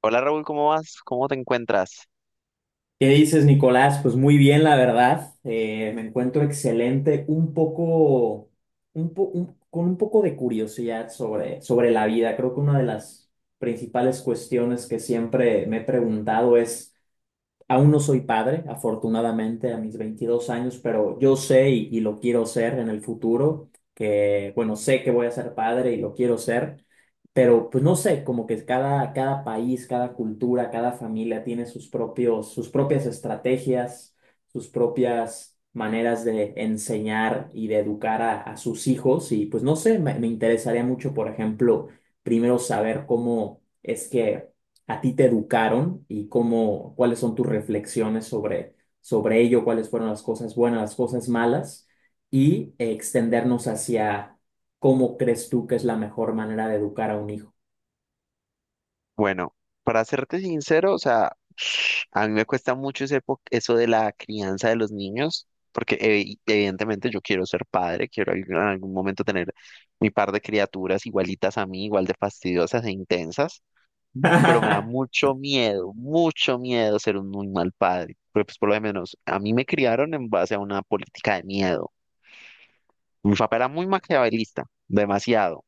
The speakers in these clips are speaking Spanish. Hola Raúl, ¿cómo vas? ¿Cómo te encuentras? ¿Qué dices, Nicolás? Pues muy bien, la verdad. Me encuentro excelente, un poco, con un poco de curiosidad sobre la vida. Creo que una de las principales cuestiones que siempre me he preguntado es. Aún no soy padre, afortunadamente, a mis 22 años, pero yo sé y lo quiero ser en el futuro, que, bueno, sé que voy a ser padre y lo quiero ser, pero pues no sé, como que cada país, cada cultura, cada familia tiene sus propios, sus propias estrategias, sus propias maneras de enseñar y de educar a sus hijos y pues no sé, me interesaría mucho, por ejemplo, primero saber cómo es que a ti te educaron y cómo, cuáles son tus reflexiones sobre ello, cuáles fueron las cosas buenas, las cosas malas, y extendernos hacia cómo crees tú que es la mejor manera de educar a un hijo. Bueno, para serte sincero, o sea, a mí me cuesta mucho eso de la crianza de los niños, porque evidentemente yo quiero ser padre, quiero en algún momento tener mi par de criaturas igualitas a mí, igual de fastidiosas e intensas, pero me da mucho miedo ser un muy mal padre, porque pues por lo menos a mí me criaron en base a una política de miedo. Mi papá era muy maquiavelista, demasiado.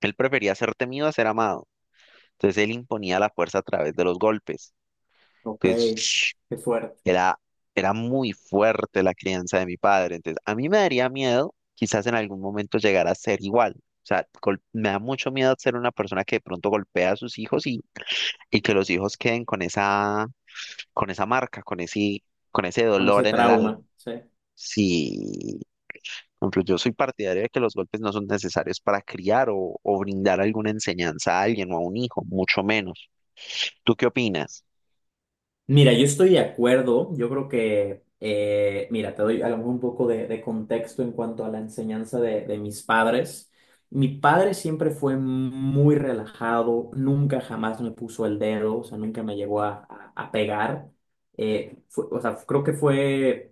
Él prefería ser temido a ser amado. Entonces él imponía la fuerza a través de los golpes. Ok. Entonces Qué fuerte. era, era muy fuerte la crianza de mi padre. Entonces a mí me daría miedo quizás en algún momento llegar a ser igual. O sea, me da mucho miedo ser una persona que de pronto golpea a sus hijos y que los hijos queden con esa marca, con ese Con ese dolor en el alma. trauma, sí. Sí, por ejemplo, yo soy partidario de que los golpes no son necesarios para criar o brindar alguna enseñanza a alguien o a un hijo, mucho menos. ¿Tú qué opinas? Mira, yo estoy de acuerdo. Yo creo que, mira, te doy a lo mejor un poco de contexto en cuanto a la enseñanza de mis padres. Mi padre siempre fue muy relajado, nunca jamás me puso el dedo, o sea, nunca me llegó a pegar. O sea, creo que fue.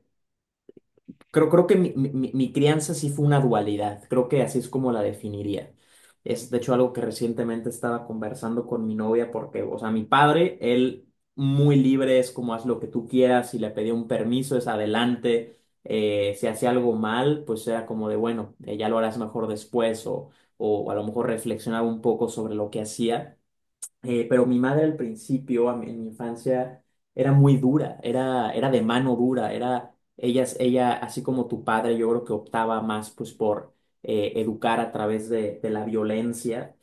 Creo que mi, mi crianza sí fue una dualidad, creo que así es como la definiría. Es de hecho algo que recientemente estaba conversando con mi novia porque, o sea, mi padre, él muy libre, es como haz lo que tú quieras, si le pedía un permiso es adelante, si hacía algo mal, pues era como de, bueno, ya lo harás mejor después o a lo mejor reflexionaba un poco sobre lo que hacía. Pero mi madre al principio, en mi infancia, era muy dura, era de mano dura, ella, así como tu padre, yo creo que optaba más pues por educar a través de la violencia,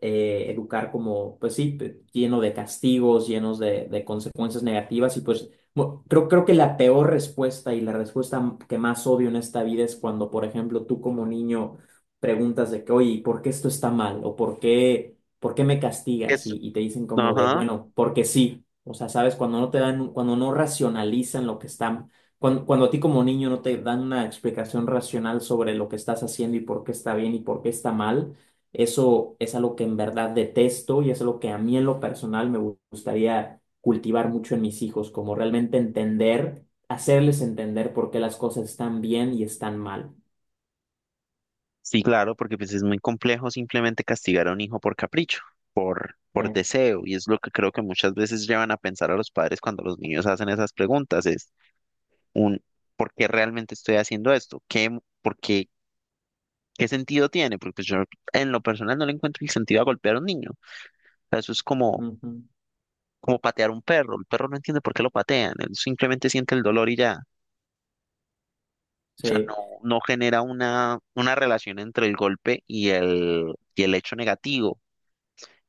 educar como, pues sí, lleno de castigos, llenos de consecuencias negativas y pues creo que la peor respuesta y la respuesta que más odio en esta vida es cuando, por ejemplo, tú como niño preguntas de que, oye, ¿y por qué esto está mal? ¿O por qué? ¿Por qué me castigas? Es- Y te dicen como de, Ajá, bueno, porque sí. O sea, sabes, cuando no te dan, cuando no racionalizan lo que están, cuando a ti como niño no te dan una explicación racional sobre lo que estás haciendo y por qué está bien y por qué está mal, eso es algo que en verdad detesto y es algo que a mí en lo personal me gustaría cultivar mucho en mis hijos, como realmente entender, hacerles entender por qué las cosas están bien y están mal. sí, claro, porque pues es muy complejo simplemente castigar a un hijo por capricho, por Eh, deseo, y es lo que creo que muchas veces llevan a pensar a los padres cuando los niños hacen esas preguntas, es un ¿por qué realmente estoy haciendo esto? ¿Qué, por qué, qué sentido tiene? Porque pues yo en lo personal no le encuentro el sentido a golpear a un niño. O sea, eso es como, Ujú. como patear a un perro. El perro no entiende por qué lo patean, él simplemente siente el dolor y ya. O sea, no, Sí. no genera una relación entre el golpe y el hecho negativo.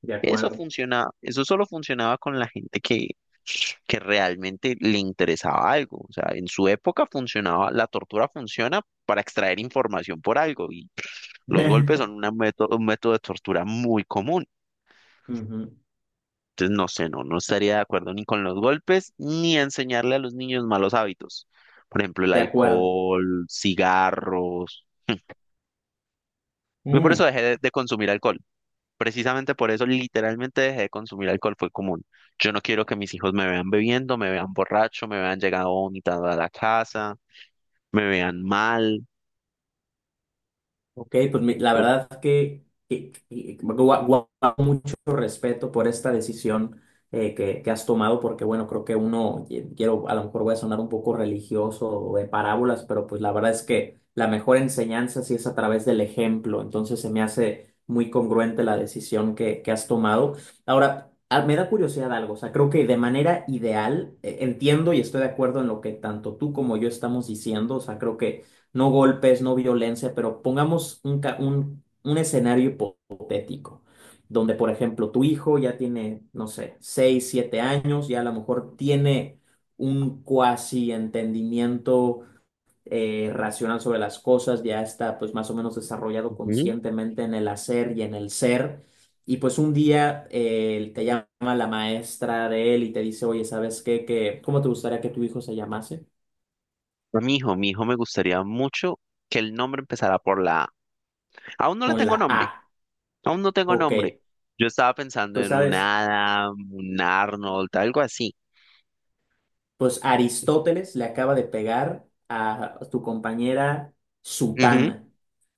De Eso acuerdo. funcionaba, eso solo funcionaba con la gente que realmente le interesaba algo. O sea, en su época funcionaba, la tortura funciona para extraer información por algo, y los golpes son una método, un método de tortura muy común. Ujú. Entonces, no sé, no, no estaría de acuerdo ni con los golpes ni enseñarle a los niños malos hábitos. Por ejemplo, el De acuerdo. alcohol, cigarros. Yo por Mm, eso dejé de consumir alcohol. Precisamente por eso literalmente dejé de consumir alcohol, fue común. Yo no quiero que mis hijos me vean bebiendo, me vean borracho, me vean llegado vomitado a la casa, me vean mal. ok, pues la Pues, verdad que, mucho respeto por esta decisión que has tomado, porque bueno, creo que uno, quiero, a lo mejor voy a sonar un poco religioso o de parábolas, pero pues la verdad es que la mejor enseñanza sí es a través del ejemplo, entonces se me hace muy congruente la decisión que has tomado. Ahora, me da curiosidad algo, o sea, creo que de manera ideal, entiendo y estoy de acuerdo en lo que tanto tú como yo estamos diciendo, o sea, creo que no golpes, no violencia, pero pongamos un escenario hipotético, donde, por ejemplo, tu hijo ya tiene, no sé, 6 7 años, ya a lo mejor tiene un cuasi entendimiento racional sobre las cosas, ya está pues más o menos desarrollado ujú. conscientemente en el hacer y en el ser. Y pues un día te llama la maestra de él y te dice, oye, ¿sabes qué? Que, ¿cómo te gustaría que tu hijo se llamase? A mi hijo me gustaría mucho que el nombre empezara por la A. Aún no le Con tengo la nombre, A. aún no tengo Ok, nombre. Yo estaba pensando pues en un sabes. Adam, un Arnold, algo así. Pues Aristóteles le acaba de pegar a tu compañera Ujú, Sutana.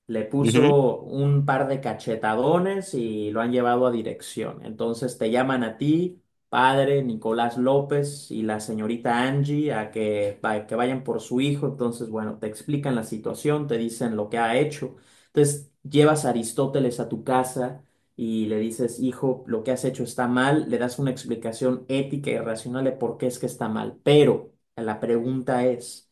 Le ujú. puso un par de cachetadones y lo han llevado a dirección. Entonces te llaman a ti, padre Nicolás López y la señorita Angie a que, que vayan por su hijo. Entonces, bueno, te explican la situación, te dicen lo que ha hecho. Entonces llevas a Aristóteles a tu casa y le dices, hijo, lo que has hecho está mal, le das una explicación ética y racional de por qué es que está mal. Pero la pregunta es,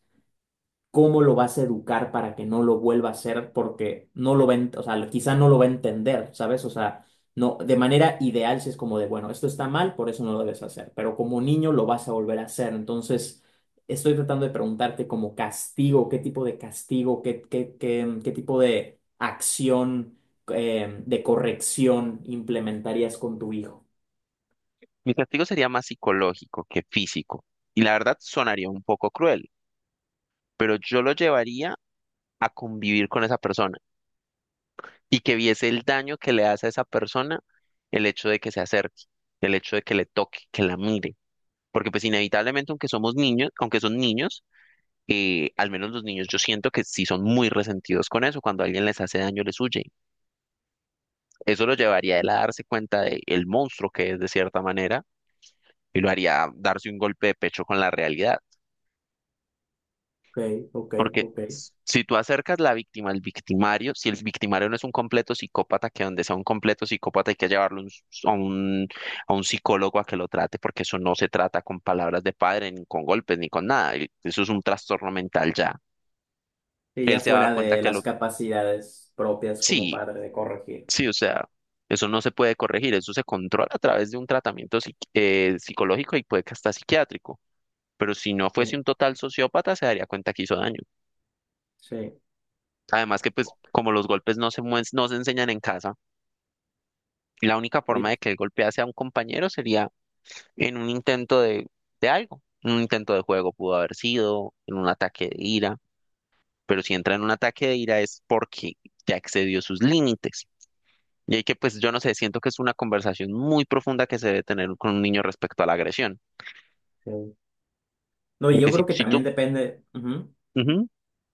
cómo lo vas a educar para que no lo vuelva a hacer porque no lo ven, o sea, quizá no lo va a entender, ¿sabes? O sea, no, de manera ideal si es como de, bueno, esto está mal, por eso no lo debes hacer, pero como niño lo vas a volver a hacer. Entonces, estoy tratando de preguntarte como castigo, qué tipo de castigo, qué, qué, qué, qué tipo de acción, de corrección implementarías con tu hijo. Mi castigo sería más psicológico que físico. Y la verdad sonaría un poco cruel, pero yo lo llevaría a convivir con esa persona, y que viese el daño que le hace a esa persona el hecho de que se acerque, el hecho de que le toque, que la mire. Porque pues inevitablemente, aunque somos niños, aunque son niños, al menos los niños yo siento que sí son muy resentidos con eso. Cuando alguien les hace daño, les huye. Eso lo llevaría a él a darse cuenta de el monstruo que es de cierta manera, y lo haría darse un golpe de pecho con la realidad. Ok, ok, Porque ok. Si tú acercas la víctima al victimario, si el victimario no es un completo psicópata, que donde sea un completo psicópata hay que llevarlo a un, a un psicólogo a que lo trate, porque eso no se trata con palabras de padre, ni con golpes, ni con nada. Eso es un trastorno mental ya. Y Él ya se va a dar fuera cuenta de que las lo... capacidades propias como Sí, padre de corregir. sí, o sea, eso no se puede corregir, eso se controla a través de un tratamiento psicológico, y puede que hasta psiquiátrico. Pero si no fuese Sí, un total sociópata, se daría cuenta que hizo daño. sí. Además que pues como los golpes no se enseñan en casa. La única forma Sí, de que él golpease a un compañero sería en un intento de algo, en un intento de juego pudo haber sido, en un ataque de ira, pero si entra en un ataque de ira es porque ya excedió sus límites. Y hay que, pues yo no sé, siento que es una conversación muy profunda que se debe tener con un niño respecto a la agresión. sí. No, y Porque yo creo que si también tú, depende. Ujú. ujú,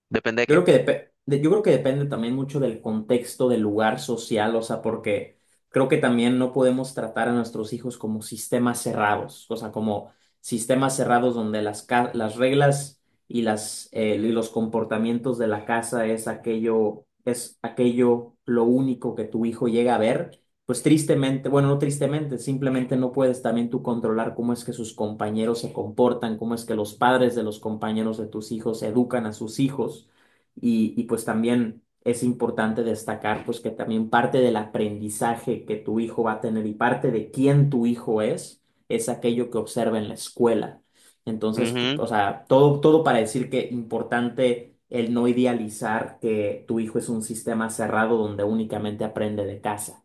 depende de Yo qué. creo que depe- de- yo creo que depende también mucho del contexto, del lugar social, o sea, porque creo que también no podemos tratar a nuestros hijos como sistemas cerrados, o sea, como sistemas cerrados donde las reglas y los comportamientos de la casa es aquello lo único que tu hijo llega a ver. Pues tristemente, bueno, no tristemente, simplemente no puedes también tú controlar cómo es que sus compañeros se comportan, cómo es que los padres de los compañeros de tus hijos educan a sus hijos. Y pues también es importante destacar pues que también parte del aprendizaje que tu hijo va a tener y parte de quién tu hijo es aquello que observa en la escuela. Entonces, Ujú, o sea, todo, todo para decir que importante el no idealizar que tu hijo es un sistema cerrado donde únicamente aprende de casa.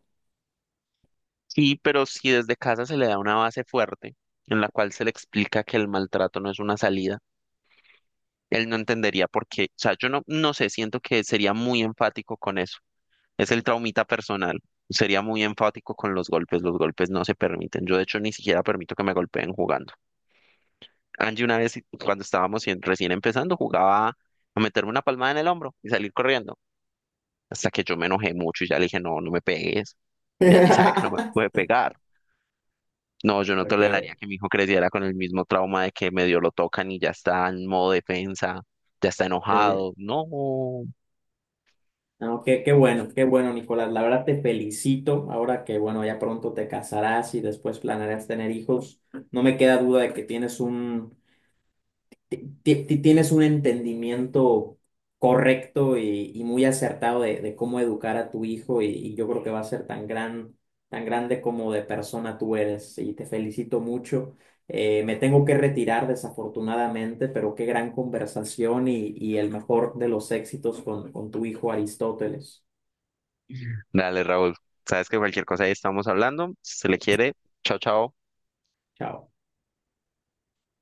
sí, pero si desde casa se le da una base fuerte en la cual se le explica que el maltrato no es una salida, él no entendería por qué. O sea, yo no, no sé, siento que sería muy enfático con eso. Es el traumita personal. Sería muy enfático con los golpes. Los golpes no se permiten. Yo, de hecho, ni siquiera permito que me golpeen jugando. Angie, una vez, cuando estábamos recién empezando, jugaba a meterme una palmada en el hombro y salir corriendo. Hasta que yo me enojé mucho y ya le dije, no, no me pegues. Y Angie sabe que no me puede pegar. No, yo no Okay. toleraría que mi hijo creciera con el mismo trauma de que medio lo tocan y ya está en modo defensa, ya está Sí. enojado. No. No, qué, qué bueno, Nicolás. La verdad te felicito. Ahora que, bueno, ya pronto te casarás y después planearás tener hijos, no me queda duda de que tienes un, ti- tienes un entendimiento correcto y muy acertado de cómo educar a tu hijo y yo creo que va a ser tan grande como de persona tú eres y te felicito mucho. Me tengo que retirar desafortunadamente, pero qué gran conversación y el mejor de los éxitos con tu hijo Aristóteles. Dale, Raúl. Sabes que cualquier cosa ahí estamos hablando. Si se le quiere, chao, chao. Chao.